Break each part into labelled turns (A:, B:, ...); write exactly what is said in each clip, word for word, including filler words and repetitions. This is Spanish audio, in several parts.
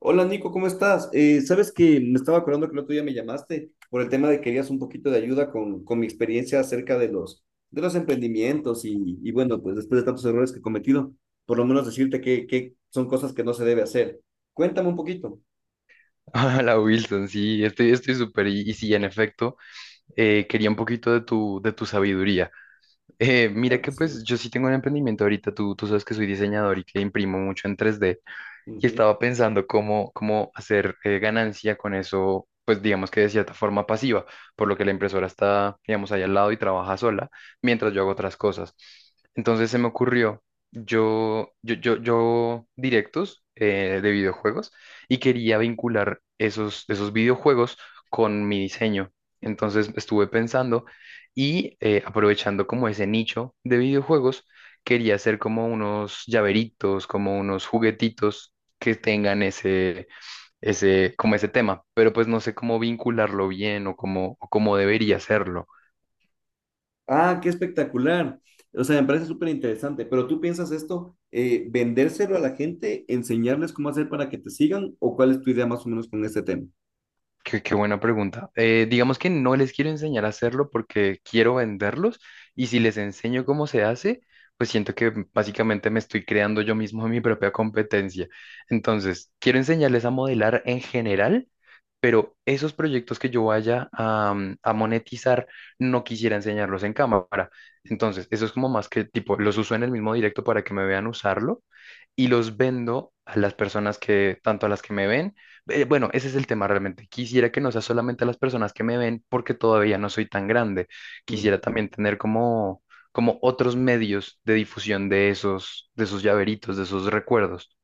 A: Hola Nico, ¿cómo estás? Eh, sabes que me estaba acordando que el otro día me llamaste por el tema de que querías un poquito de ayuda con, con mi experiencia acerca de los, de los emprendimientos y, y bueno, pues después de tantos errores que he cometido, por lo menos decirte que, que son cosas que no se debe hacer. Cuéntame un poquito.
B: la Wilson, sí, estoy, estoy súper. Y, y sí, en efecto, eh, quería un poquito de tu, de tu sabiduría. Eh, mira
A: Claro que
B: que
A: sí.
B: pues yo sí tengo un emprendimiento ahorita, tú, tú sabes que soy diseñador y que imprimo mucho en tres D, y
A: Ujú.
B: estaba pensando cómo, cómo hacer eh, ganancia con eso, pues digamos que de cierta forma pasiva, por lo que la impresora está, digamos, ahí al lado y trabaja sola, mientras yo hago otras cosas. Entonces se me ocurrió, yo, yo, yo, yo directos eh, de videojuegos, y quería vincular esos, esos videojuegos con mi diseño. Entonces estuve pensando, y eh, aprovechando como ese nicho de videojuegos, quería hacer como unos llaveritos, como unos juguetitos que tengan ese, ese, como ese tema. Pero pues no sé cómo vincularlo bien, o cómo, o cómo debería hacerlo.
A: Ah, qué espectacular. O sea, me parece súper interesante, pero ¿tú piensas esto, eh, vendérselo a la gente, enseñarles cómo hacer para que te sigan o cuál es tu idea más o menos con este tema?
B: Qué, qué buena pregunta. Eh, digamos que no les quiero enseñar a hacerlo porque quiero venderlos, y si les enseño cómo se hace, pues siento que básicamente me estoy creando yo mismo mi propia competencia. Entonces, quiero enseñarles a modelar en general, pero esos proyectos que yo vaya a, mm, a monetizar, no quisiera enseñarlos en cámara. Entonces, eso es como más que tipo, los uso en el mismo directo para que me vean usarlo, y los vendo a las personas que, tanto a las que me ven, eh, bueno, ese es el tema realmente. Quisiera que no sea solamente las personas que me ven porque todavía no soy tan grande. Quisiera también tener como, como otros medios de difusión de esos, de esos llaveritos, de esos recuerdos.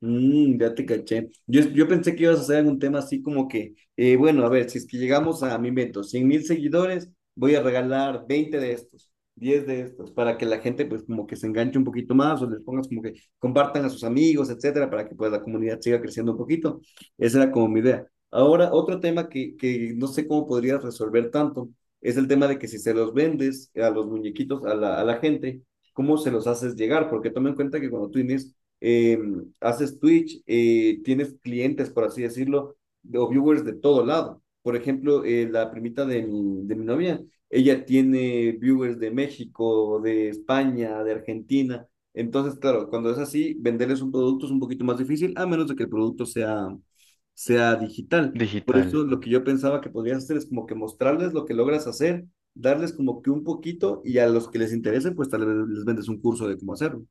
A: Mm, ya te caché. Yo, yo pensé que ibas a hacer algún tema así como que, eh, bueno, a ver, si es que llegamos a mi invento, cien mil seguidores, voy a regalar veinte de estos, diez de estos, para que la gente pues como que se enganche un poquito más o les pongas como que compartan a sus amigos, etcétera, para que pues la comunidad siga creciendo un poquito. Esa era como mi idea. Ahora, otro tema que, que no sé cómo podrías resolver tanto es el tema de que si se los vendes a los muñequitos, a la, a la gente, ¿cómo se los haces llegar? Porque toma en cuenta que cuando tú inici- eh, haces Twitch, eh, tienes clientes, por así decirlo, de- o viewers de todo lado. Por ejemplo, eh, la primita de mi, de mi novia, ella tiene viewers de México, de España, de Argentina. Entonces, claro, cuando es así, venderles un producto es un poquito más difícil, a menos de que el producto sea, sea digital. Por
B: Digital.
A: eso lo que yo pensaba que podrías hacer es como que mostrarles lo que logras hacer, darles como que un poquito y a los que les interese, pues tal vez les vendes un curso de cómo hacerlo.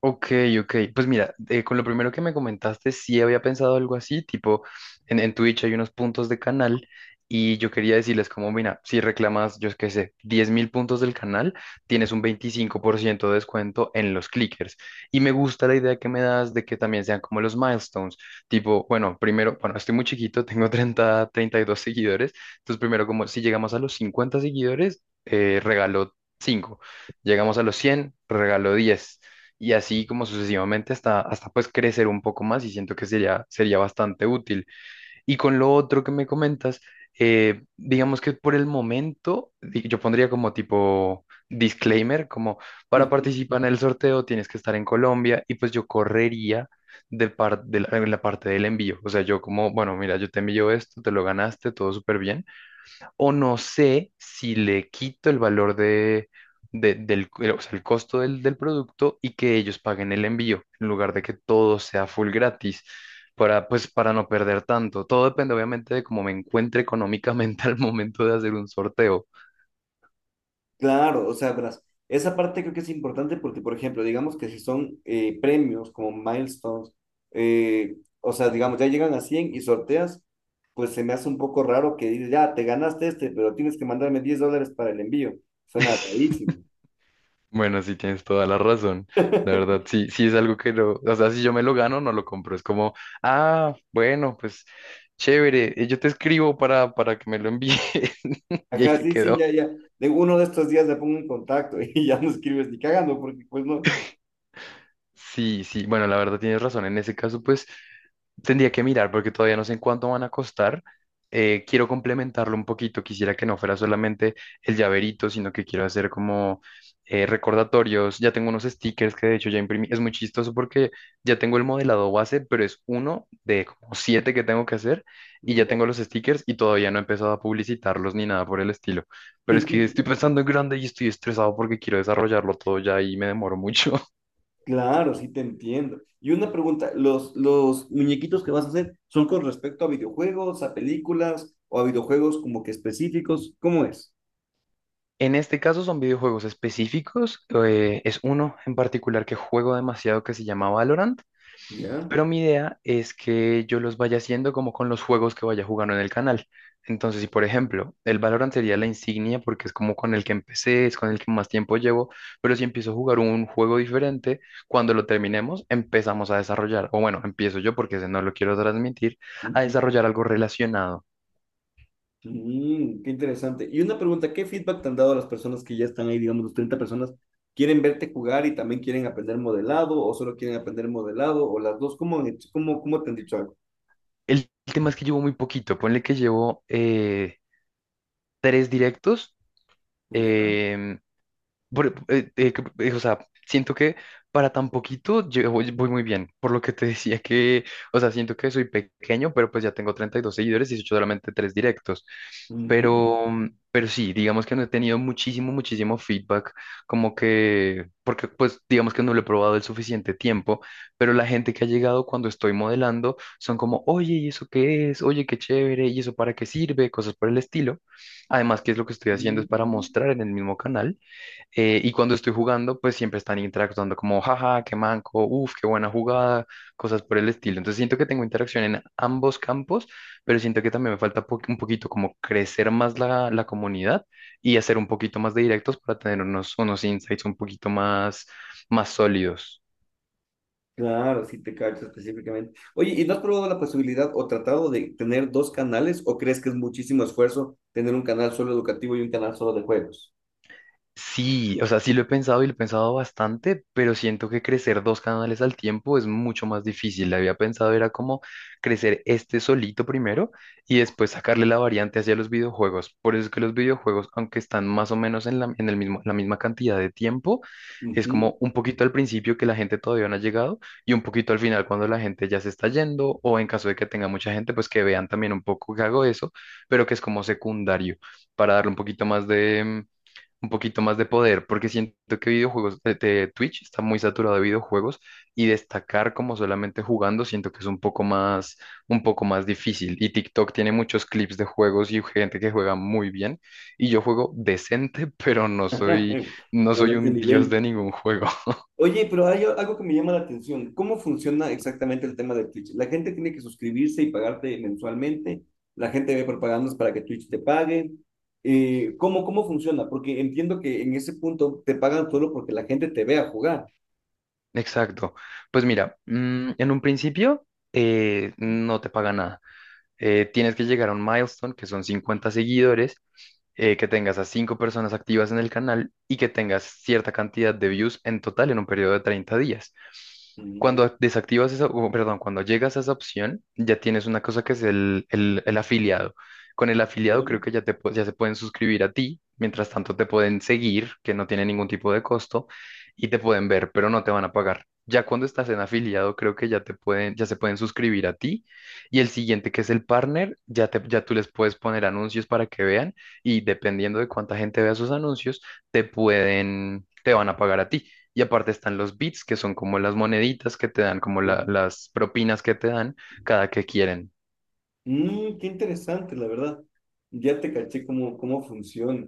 B: Ok, ok. Pues mira, eh, con lo primero que me comentaste, sí había pensado algo así, tipo, en, en Twitch hay unos puntos de canal, y yo quería decirles como, mira, si reclamas, yo qué sé, diez mil puntos del canal, tienes un veinticinco por ciento de descuento en los clickers. Y me gusta la idea que me das de que también sean como los milestones, tipo, bueno, primero, bueno, estoy muy chiquito, tengo treinta, treinta y dos seguidores. Entonces primero, como si llegamos a los cincuenta seguidores, eh, regalo cinco. Llegamos a los cien, regalo diez, y así como sucesivamente hasta, hasta pues crecer un poco más, y siento que sería, sería bastante útil. Y con lo otro que me comentas, eh, digamos que por el momento di- yo pondría como tipo disclaimer, como para participar en el sorteo tienes que estar en Colombia, y pues yo correría. De, par- de la, en la parte del envío, o sea, yo como, bueno, mira, yo te envío esto, te lo ganaste, todo súper bien. O no sé si le quito el valor de, de- del, o sea, el costo del, del producto, y que ellos paguen el envío, en lugar de que todo sea full gratis, para, pues, para no perder tanto. Todo depende, obviamente, de cómo me encuentre económicamente al momento de hacer un sorteo.
A: Claro, o sea, verás, esa parte creo que es importante porque, por ejemplo, digamos que si son eh, premios como milestones, eh, o sea, digamos, ya llegan a cien y sorteas, pues se me hace un poco raro que digas, ya, te ganaste este, pero tienes que mandarme diez dólares para el envío. Suena rarísimo.
B: Bueno, sí tienes toda la razón. La verdad, sí, sí es algo que no, o sea, si yo me lo gano, no lo compro. Es como, ah, bueno, pues chévere, eh, yo te escribo para, para que me lo envíes. Y ahí
A: Ajá,
B: se
A: sí, sí, ya,
B: quedó.
A: ya. De uno de estos días le pongo en contacto y ya no escribes ni cagando porque pues no.
B: Sí, sí, bueno, la verdad tienes razón. En ese caso, pues tendría que mirar porque todavía no sé en cuánto van a costar. Eh, quiero complementarlo un poquito. Quisiera que no fuera solamente el llaverito, sino que quiero hacer como eh, recordatorios. Ya tengo unos stickers que de hecho ya imprimí. Es muy chistoso porque ya tengo el modelado base, pero es uno de como siete que tengo que hacer, y ya
A: Ya.
B: tengo los stickers y todavía no he empezado a publicitarlos ni nada por el estilo. Pero es que estoy pensando en grande y estoy estresado porque quiero desarrollarlo todo ya, y me demoro mucho.
A: Claro, sí te entiendo. Y una pregunta, ¿los, los muñequitos que vas a hacer son con respecto a videojuegos, a películas o a videojuegos como que específicos? ¿Cómo es?
B: En este caso son videojuegos específicos. Eh, es uno en particular que juego demasiado, que se llama Valorant,
A: ¿Ya?
B: pero mi idea es que yo los vaya haciendo como con los juegos que vaya jugando en el canal. Entonces, si por ejemplo, el Valorant sería la insignia porque es como con el que empecé, es con el que más tiempo llevo. Pero si empiezo a jugar un juego diferente, cuando lo terminemos, empezamos a desarrollar, o bueno, empiezo yo porque ese no lo quiero transmitir, a
A: Ujú.
B: desarrollar algo relacionado.
A: Mm, qué interesante. Y una pregunta, ¿qué feedback te han dado las personas que ya están ahí, digamos, los treinta personas? ¿Quieren verte jugar y también quieren aprender modelado o solo quieren aprender modelado o las dos? ¿Cómo, han hecho- cómo, cómo te han dicho algo?
B: El tema es que llevo muy poquito, ponle que llevo... eh, tres directos,
A: ¿Ya?
B: em, por- eh, eh, que- eh, o sea, siento que para tan poquito yo voy, voy muy bien, por lo que te decía que, o sea, siento que soy pequeño, pero pues ya tengo treinta y dos seguidores y he hecho solamente tres directos. Pero, mm, pero sí, digamos que no he tenido muchísimo, muchísimo feedback, como que, porque pues digamos que no lo he probado el suficiente tiempo, pero la gente que ha llegado cuando estoy modelando son como, oye, ¿y eso qué es? Oye, qué chévere, ¿y eso para qué sirve? Cosas por el estilo. Además, que es lo que estoy haciendo es para
A: Ujú.
B: mostrar en el mismo canal, eh, y cuando estoy jugando, pues siempre están interactuando como, jaja, qué manco, uff, qué buena jugada, cosas por el estilo. Entonces siento que tengo interacción en ambos campos, pero siento que también me falta po- un poquito como crecer más la, la comunidad, y hacer un poquito más de directos para tener unos, unos insights un poquito más, más sólidos.
A: Claro, sí te cacho específicamente. Oye, ¿y no has probado la posibilidad o tratado de tener dos canales o crees que es muchísimo esfuerzo tener un canal solo educativo y un canal solo de juegos?
B: Sí, o sea, sí lo he pensado y lo he pensado bastante, pero siento que crecer dos canales al tiempo es mucho más difícil. Había pensado era como crecer este solito primero y después sacarle la variante hacia los videojuegos. Por eso es que los videojuegos, aunque están más o menos en la, en el mismo, la misma cantidad de tiempo, es
A: Ujú.
B: como un poquito al principio que la gente todavía no ha llegado, y un poquito al final cuando la gente ya se está yendo, o en caso de que tenga mucha gente, pues que vean también un poco que hago eso, pero que es como secundario para darle un poquito más de un poquito más de poder, porque siento que videojuegos de, de Twitch está muy saturado de videojuegos, y destacar como solamente jugando, siento que es un poco más, un poco más difícil. Y TikTok tiene muchos clips de juegos y gente que juega muy bien, y yo juego decente, pero no soy, no
A: Pero de
B: soy
A: este
B: un dios
A: nivel.
B: de ningún juego.
A: Oye, pero hay algo que me llama la atención. ¿Cómo funciona exactamente el tema de Twitch? ¿La gente tiene que suscribirse y pagarte mensualmente? ¿La gente ve propagandas para que Twitch te pague? Eh, ¿cómo, cómo funciona? Porque entiendo que en ese punto te pagan solo porque la gente te vea jugar.
B: Exacto. Pues mira, mm, en un principio, eh, no te paga nada. eh, tienes que llegar a un milestone, que son cincuenta seguidores, eh, que tengas a cinco personas activas en el canal, y que tengas cierta cantidad de views en total en un periodo de treinta días.
A: Mm,
B: Cuando desactivas esa, o, perdón, cuando llegas a esa opción, ya tienes una cosa que es el, el- el afiliado. Con el afiliado
A: ya,
B: creo que ya, te, pu- ya se pueden suscribir a ti. Mientras tanto, te pueden seguir, que no tiene ningún tipo de costo, y te pueden ver, pero no te van a pagar. Ya cuando estás en afiliado, creo que ya te pueden, ya se pueden suscribir a ti, y el siguiente, que es el partner, ya, te- ya tú les puedes poner anuncios para que vean. Y dependiendo de cuánta gente vea sus anuncios, te pueden, te van a pagar a ti. Y aparte están los bits, que son como las moneditas que te dan, como
A: ya.
B: la- las propinas que te dan cada que quieren.
A: Mm, qué interesante, la verdad. Ya te caché cómo, cómo funciona.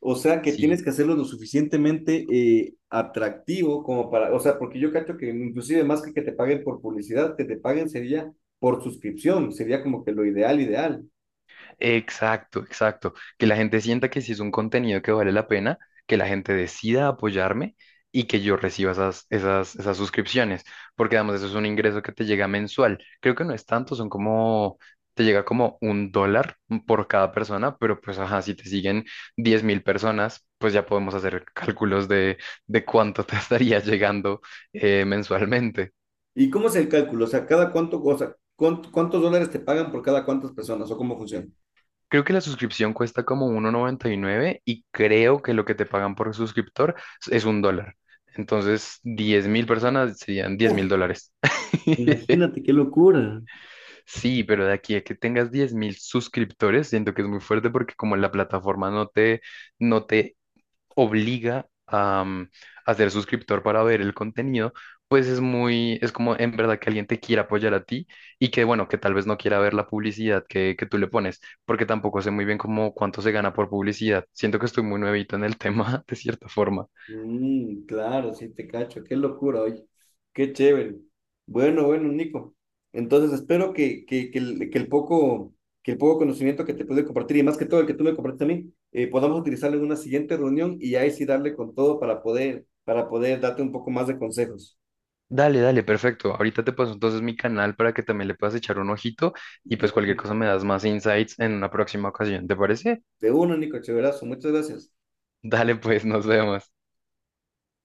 A: O sea, que tienes
B: Sí.
A: que hacerlo lo suficientemente eh, atractivo como para, o sea, porque yo cacho que inclusive más que que te paguen por publicidad, que te paguen sería por suscripción, sería como que lo ideal, ideal.
B: Exacto, exacto. Que la gente sienta que si es un contenido que vale la pena, que la gente decida apoyarme, y que yo reciba esas, esas, esas suscripciones, porque además eso es un ingreso que te llega mensual. Creo que no es tanto, son como, te llega como un dólar por cada persona, pero pues, ajá, si te siguen diez mil personas, pues ya podemos hacer cálculos de, de cuánto te estaría llegando, eh, mensualmente.
A: ¿Y cómo es el cálculo? O sea, cada cuánto, o sea, cuánto- ¿cuántos dólares te pagan por cada cuántas personas o cómo funciona?
B: Creo que la suscripción cuesta como uno noventa y nueve, y creo que lo que te pagan por suscriptor es un dólar. Entonces, diez mil personas serían diez
A: Uf,
B: mil dólares.
A: imagínate qué locura.
B: Sí, pero de aquí a que tengas diez mil suscriptores, siento que es muy fuerte porque como la plataforma no te, no te obliga a, mm, a ser suscriptor para ver el contenido, pues es muy, es como en verdad que alguien te quiera apoyar a ti, y que bueno, que tal vez no quiera ver la publicidad que, que tú le pones, porque tampoco sé muy bien cómo cuánto se gana por publicidad. Siento que estoy muy nuevito en el tema, de cierta forma.
A: Mm, claro, sí te cacho, qué locura, oye, qué chévere. Bueno, bueno, Nico. Entonces espero que, que, que el, que el poco, que el poco conocimiento que te pude compartir y más que todo el que tú me compartiste a mí, eh, podamos utilizarlo en una siguiente reunión y ahí sí darle con todo para poder, para poder darte un poco más de consejos.
B: Dale, dale, perfecto. Ahorita te paso entonces mi canal para que también le puedas echar un ojito, y
A: De
B: pues cualquier
A: uno,
B: cosa me das más insights en una próxima ocasión, ¿te parece?
A: de uno, Nico, chéverazo, muchas gracias.
B: Dale, pues nos vemos.